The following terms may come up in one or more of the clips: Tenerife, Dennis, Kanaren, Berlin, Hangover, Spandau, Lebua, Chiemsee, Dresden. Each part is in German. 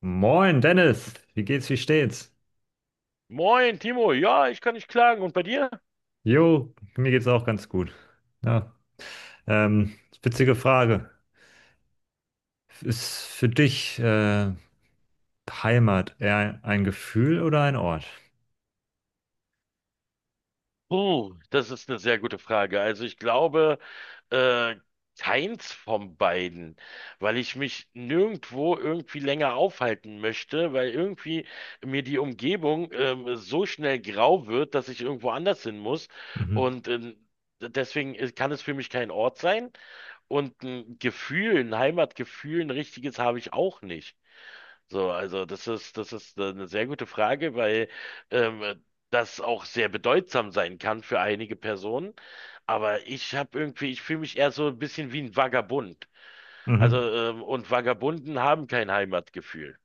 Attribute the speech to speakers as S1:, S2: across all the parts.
S1: Moin, Dennis. Wie geht's, wie steht's?
S2: Moin, Timo. Ja, ich kann nicht klagen. Und bei dir?
S1: Jo, mir geht's auch ganz gut. Ja. Ähm, Witzige Frage. Ist für dich Heimat eher ein Gefühl oder ein Ort?
S2: Puh, das ist eine sehr gute Frage. Also ich glaube, äh, keins von beiden, weil ich mich nirgendwo irgendwie länger aufhalten möchte, weil irgendwie mir die Umgebung, so schnell grau wird, dass ich irgendwo anders hin muss.
S1: Mhm.
S2: Und, deswegen kann es für mich kein Ort sein und ein Gefühl, ein Heimatgefühl, ein richtiges habe ich auch nicht. So, also das ist eine sehr gute Frage, weil ähm, das auch sehr bedeutsam sein kann für einige Personen. Aber ich habe irgendwie, ich fühle mich eher so ein bisschen wie ein Vagabund. Also,
S1: Mhm.
S2: und Vagabunden haben kein Heimatgefühl.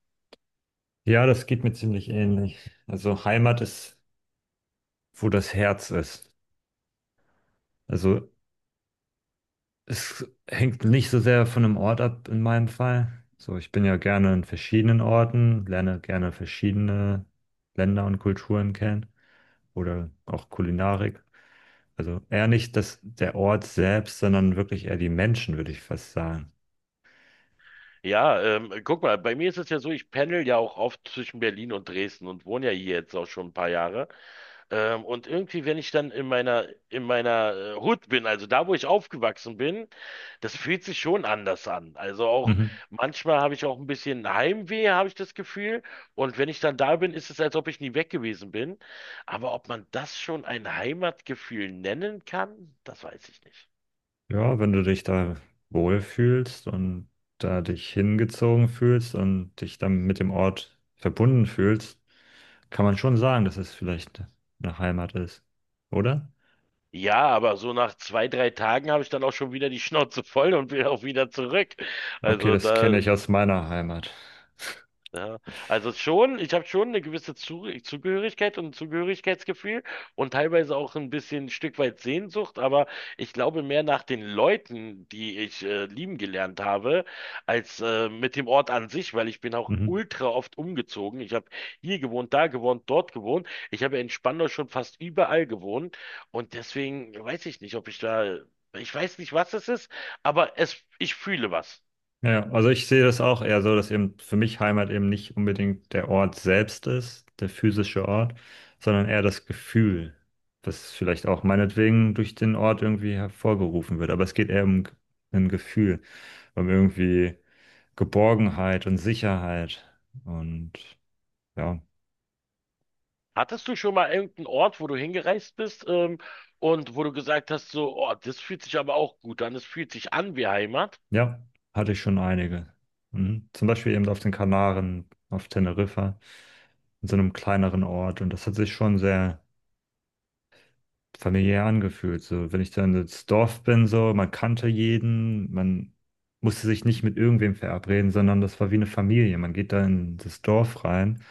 S1: Ja, das geht mir ziemlich ähnlich. Also Heimat ist, wo das Herz ist. Also es hängt nicht so sehr von einem Ort ab in meinem Fall. So, ich bin ja gerne in verschiedenen Orten, lerne gerne verschiedene Länder und Kulturen kennen, oder auch Kulinarik. Also eher nicht das, der Ort selbst, sondern wirklich eher die Menschen, würde ich fast sagen.
S2: Ja, guck mal, bei mir ist es ja so, ich pendel ja auch oft zwischen Berlin und Dresden und wohne ja hier jetzt auch schon ein paar Jahre. Und irgendwie, wenn ich dann in meiner Hood bin, also da, wo ich aufgewachsen bin, das fühlt sich schon anders an. Also auch
S1: Mhm.
S2: manchmal habe ich auch ein bisschen Heimweh, habe ich das Gefühl. Und wenn ich dann da bin, ist es, als ob ich nie weg gewesen bin. Aber ob man das schon ein Heimatgefühl nennen kann, das weiß ich nicht.
S1: Ja, wenn du dich da wohlfühlst und da dich hingezogen fühlst und dich dann mit dem Ort verbunden fühlst, kann man schon sagen, dass es vielleicht eine Heimat ist, oder?
S2: Ja, aber so nach 2, 3 Tagen habe ich dann auch schon wieder die Schnauze voll und will auch wieder zurück.
S1: Okay,
S2: Also
S1: das kenne
S2: da
S1: ich aus meiner Heimat.
S2: ja, also schon, ich habe schon eine gewisse Zu Zugehörigkeit und ein Zugehörigkeitsgefühl und teilweise auch ein bisschen ein Stück weit Sehnsucht, aber ich glaube mehr nach den Leuten, die ich lieben gelernt habe, als mit dem Ort an sich, weil ich bin auch
S1: Mhm.
S2: ultra oft umgezogen. Ich habe hier gewohnt, da gewohnt, dort gewohnt. Ich habe ja in Spandau schon fast überall gewohnt und deswegen weiß ich nicht, ob ich da, ich weiß nicht, was es ist, aber es, ich fühle was.
S1: Ja, ja, also ich sehe das auch eher so, dass eben für mich Heimat eben nicht unbedingt der Ort selbst ist, der physische Ort, sondern eher das Gefühl, das vielleicht auch meinetwegen durch den Ort irgendwie hervorgerufen wird. Aber es geht eher um ein Gefühl, um irgendwie Geborgenheit und Sicherheit. Und ja,
S2: Hattest du schon mal irgendeinen Ort, wo du hingereist bist, und wo du gesagt hast, so, oh, das fühlt sich aber auch gut an, das fühlt sich an wie Heimat?
S1: ja, hatte ich schon einige. Mhm. Zum Beispiel eben auf den Kanaren, auf Teneriffa, in so einem kleineren Ort. Und das hat sich schon sehr familiär angefühlt. So, wenn ich dann ins Dorf bin, so, man kannte jeden, man musste sich nicht mit irgendwem verabreden, sondern das war wie eine Familie. Man geht da in das Dorf rein,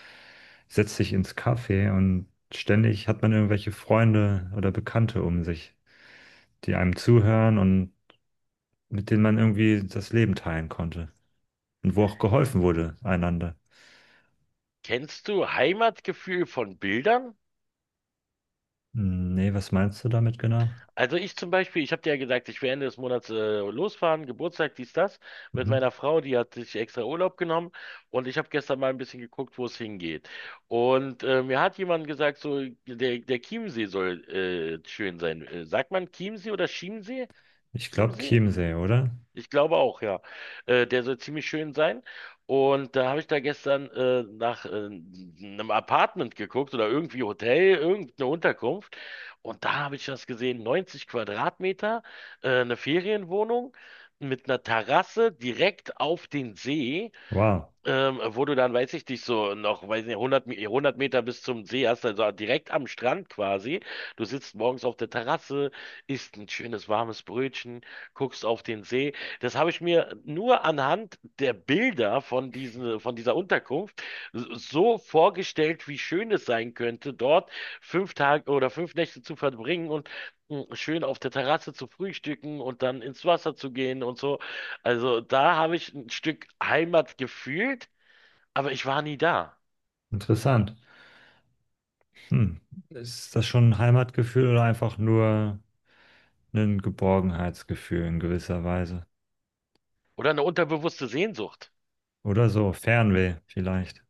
S1: setzt sich ins Café und ständig hat man irgendwelche Freunde oder Bekannte um sich, die einem zuhören und mit denen man irgendwie das Leben teilen konnte. Und wo auch geholfen wurde, einander.
S2: Kennst du Heimatgefühl von Bildern?
S1: Hm, nee, was meinst du damit genau?
S2: Also ich zum Beispiel, ich habe dir ja gesagt, ich will Ende des Monats losfahren, Geburtstag, dies, das, mit
S1: Mhm.
S2: meiner Frau, die hat sich extra Urlaub genommen und ich habe gestern mal ein bisschen geguckt, wo es hingeht. Und mir hat jemand gesagt, so, der Chiemsee soll schön sein. Sagt man Chiemsee oder Chiemsee?
S1: Ich glaube
S2: Chiemsee?
S1: Chiemsee, oder?
S2: Ich glaube auch, ja. Der soll ziemlich schön sein. Und da habe ich da gestern nach einem Apartment geguckt oder irgendwie Hotel, irgendeine Unterkunft. Und da habe ich das gesehen, 90 Quadratmeter, eine Ferienwohnung mit einer Terrasse direkt auf den See.
S1: Wow,
S2: Wo du dann, weiß ich nicht, so noch, weiß nicht, 100 Meter bis zum See hast, also direkt am Strand quasi. Du sitzt morgens auf der Terrasse, isst ein schönes warmes Brötchen, guckst auf den See. Das habe ich mir nur anhand der Bilder von dieser Unterkunft so vorgestellt, wie schön es sein könnte, dort 5 Tage oder 5 Nächte zu verbringen und schön auf der Terrasse zu frühstücken und dann ins Wasser zu gehen und so. Also da habe ich ein Stück Heimat gefühlt, aber ich war nie da.
S1: interessant. Hm. Ist das schon ein Heimatgefühl oder einfach nur ein Geborgenheitsgefühl in gewisser Weise?
S2: Oder eine unterbewusste Sehnsucht.
S1: Oder so, Fernweh vielleicht.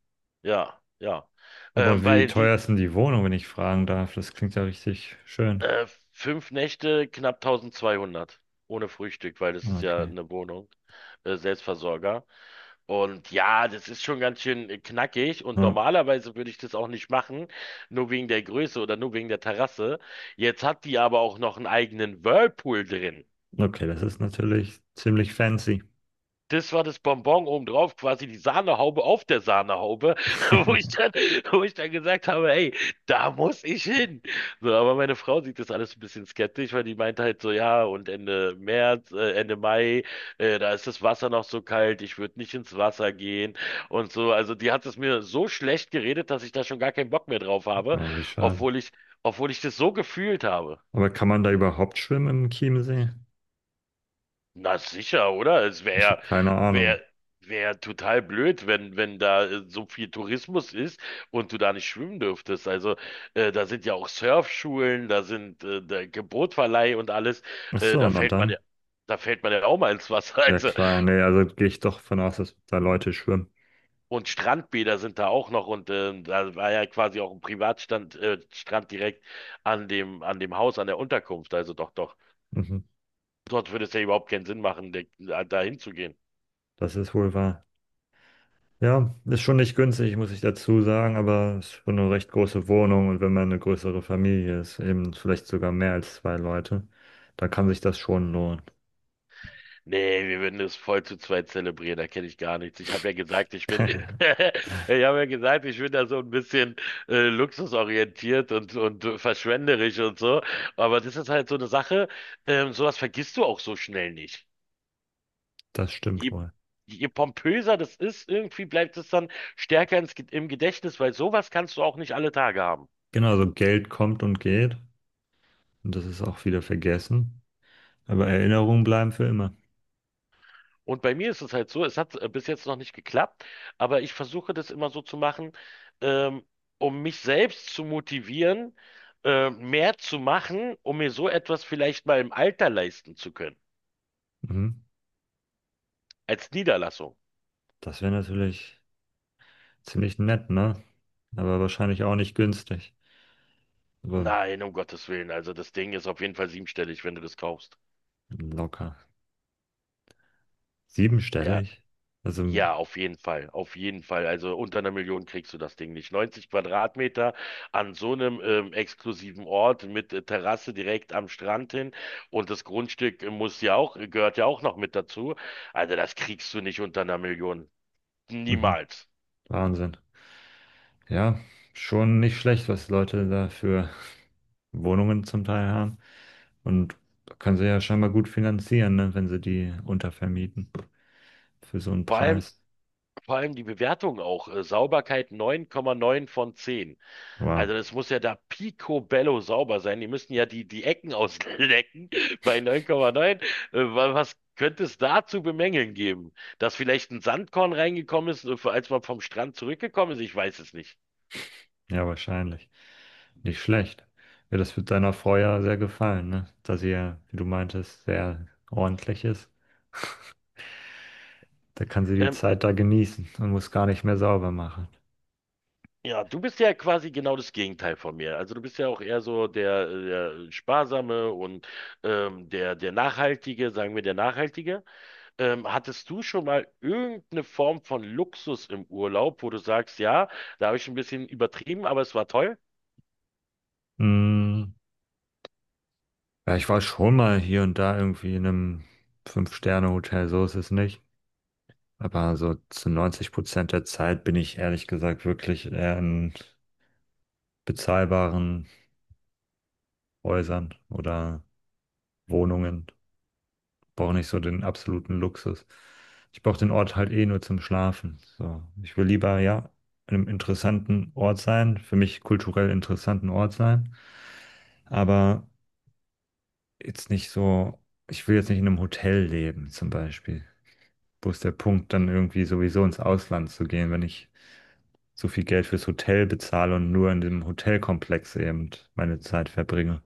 S2: Ja, ja.
S1: Aber
S2: Ähm,
S1: wie
S2: weil die
S1: teuer ist denn die Wohnung, wenn ich fragen darf? Das klingt ja richtig schön.
S2: äh, 5 Nächte knapp 1200 ohne Frühstück, weil das ist ja
S1: Okay.
S2: eine Wohnung, Selbstversorger. Und ja, das ist schon ganz schön knackig und
S1: Ja.
S2: normalerweise würde ich das auch nicht machen, nur wegen der Größe oder nur wegen der Terrasse. Jetzt hat die aber auch noch einen eigenen Whirlpool drin.
S1: Okay, das ist natürlich ziemlich fancy.
S2: Das war das Bonbon obendrauf, quasi die Sahnehaube auf der Sahnehaube, wo ich dann, wo ich dann gesagt habe, ey, da muss ich hin. So, aber meine Frau sieht das alles ein bisschen skeptisch, weil die meint halt so, ja, und Ende März, Ende Mai, da ist das Wasser noch so kalt, ich würde nicht ins Wasser gehen und so. Also die hat es mir so schlecht geredet, dass ich da schon gar keinen Bock mehr drauf habe,
S1: Oh, wie schade.
S2: obwohl ich, obwohl ich das so gefühlt habe.
S1: Aber kann man da überhaupt schwimmen im Chiemsee?
S2: Na sicher, oder? Es wäre
S1: Ich habe
S2: ja,
S1: keine Ahnung.
S2: wär, wär ja total blöd, wenn da so viel Tourismus ist und du da nicht schwimmen dürftest. Also da sind ja auch Surfschulen, da sind der Bootverleih und alles.
S1: Ach
S2: Äh,
S1: so,
S2: da
S1: na
S2: fällt man
S1: dann.
S2: ja, da fällt man ja auch mal ins Wasser.
S1: Ja
S2: Also,
S1: klar, nee, also gehe ich doch von aus, dass da Leute schwimmen.
S2: und Strandbäder sind da auch noch und da war ja quasi auch ein Strand direkt an dem Haus, an der Unterkunft. Also doch, doch.
S1: Mhm.
S2: Dort würde es ja überhaupt keinen Sinn machen, da hinzugehen.
S1: Das ist wohl wahr. Ja, ist schon nicht günstig, muss ich dazu sagen, aber es ist schon eine recht große Wohnung und wenn man eine größere Familie ist, eben vielleicht sogar mehr als zwei Leute, dann kann sich das schon lohnen.
S2: Nee, wir würden es voll zu zweit zelebrieren, da kenne ich gar nichts. Ich habe ja gesagt, ich bin, Ich habe ja gesagt, ich bin da so ein bisschen luxusorientiert und verschwenderisch und so. Aber das ist halt so eine Sache, sowas vergisst du auch so schnell nicht.
S1: Das stimmt
S2: Je,
S1: wohl.
S2: je pompöser das ist, irgendwie bleibt es dann stärker im Gedächtnis, weil sowas kannst du auch nicht alle Tage haben.
S1: Genau, also Geld kommt und geht und das ist auch wieder vergessen, aber Erinnerungen bleiben für immer.
S2: Und bei mir ist es halt so, es hat bis jetzt noch nicht geklappt, aber ich versuche das immer so zu machen, ähm, um mich selbst zu motivieren, mehr zu machen, um mir so etwas vielleicht mal im Alter leisten zu können,
S1: Mhm.
S2: als Niederlassung.
S1: Das wäre natürlich ziemlich nett, ne? Aber wahrscheinlich auch nicht günstig, aber
S2: Nein, um Gottes Willen, also das Ding ist auf jeden Fall siebenstellig, wenn du das kaufst.
S1: locker.
S2: Ja,
S1: Siebenstellig? Also,
S2: ja, auf jeden Fall, auf jeden Fall. Also unter einer Million kriegst du das Ding nicht. 90 Quadratmeter an so einem exklusiven Ort mit Terrasse direkt am Strand hin und das Grundstück muss ja auch, gehört ja auch noch mit dazu. Also das kriegst du nicht unter einer Million.
S1: mhm.
S2: Niemals.
S1: Wahnsinn. Ja, schon nicht schlecht, was Leute da für Wohnungen zum Teil haben. Und können sie ja scheinbar gut finanzieren, ne, wenn sie die untervermieten für so einen
S2: Vor allem,
S1: Preis.
S2: vor allem die Bewertung auch. Sauberkeit 9,9 von 10.
S1: Wow,
S2: Also das muss ja da picobello sauber sein. Die müssen ja die Ecken auslecken bei 9,9. Was könnte es da zu bemängeln geben? Dass vielleicht ein Sandkorn reingekommen ist, als man vom Strand zurückgekommen ist? Ich weiß es nicht.
S1: ja, wahrscheinlich. Nicht schlecht. Ja, das wird deiner Frau ja sehr gefallen, ne? Da sie ja, wie du meintest, sehr ordentlich ist. Da kann sie die
S2: Ähm,
S1: Zeit da genießen und muss gar nicht mehr sauber machen.
S2: ja, du bist ja quasi genau das Gegenteil von mir. Also du bist ja auch eher so der Sparsame und der Nachhaltige, sagen wir der Nachhaltige. Hattest du schon mal irgendeine Form von Luxus im Urlaub, wo du sagst, ja, da habe ich ein bisschen übertrieben, aber es war toll?
S1: Mm, ja, ich war schon mal hier und da irgendwie in einem Fünf-Sterne-Hotel, so ist es nicht. Aber so zu 90% der Zeit bin ich ehrlich gesagt wirklich eher in bezahlbaren Häusern oder Wohnungen. Brauche nicht so den absoluten Luxus. Ich brauche den Ort halt eh nur zum Schlafen. So, ich will lieber, ja, in einem interessanten Ort sein, für mich kulturell interessanten Ort sein, aber jetzt nicht so, ich will jetzt nicht in einem Hotel leben, zum Beispiel. Wo ist der Punkt, dann irgendwie sowieso ins Ausland zu gehen, wenn ich so viel Geld fürs Hotel bezahle und nur in dem Hotelkomplex eben meine Zeit verbringe.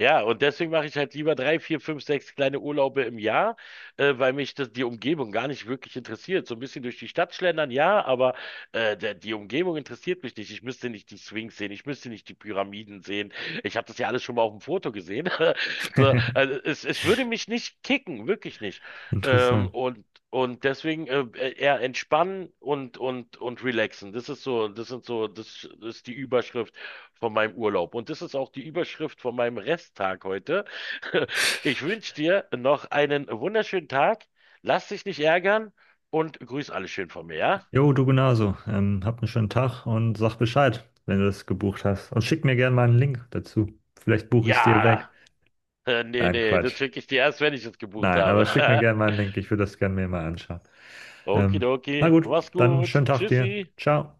S2: Ja, und deswegen mache ich halt lieber drei, vier, fünf, sechs kleine Urlaube im Jahr, weil mich das, die Umgebung gar nicht wirklich interessiert. So ein bisschen durch die Stadt schlendern, ja, aber die Umgebung interessiert mich nicht. Ich müsste nicht die Sphinx sehen, ich müsste nicht die Pyramiden sehen. Ich habe das ja alles schon mal auf dem Foto gesehen. So, also es würde mich nicht kicken, wirklich nicht. Ähm,
S1: Interessant.
S2: und Und deswegen eher entspannen und und relaxen. Das ist so, das sind so, das ist die Überschrift von meinem Urlaub. Und das ist auch die Überschrift von meinem Resttag heute. Ich wünsche dir noch einen wunderschönen Tag. Lass dich nicht ärgern und grüß alle schön von mir, ja?
S1: Jo, du genauso. Hab einen schönen Tag und sag Bescheid, wenn du das gebucht hast. Und schick mir gerne mal einen Link dazu. Vielleicht buche ich es dir weg.
S2: Ja, nee,
S1: Nein,
S2: nee, das
S1: Quatsch.
S2: schicke ich dir erst, wenn ich es gebucht
S1: Nein, aber
S2: habe.
S1: schick mir gerne mal einen Link. Ich würde das gerne mir mal anschauen. Ähm,
S2: Okidoki,
S1: na gut,
S2: mach's
S1: dann
S2: gut.
S1: schönen Tag
S2: Tschüssi.
S1: dir. Ciao.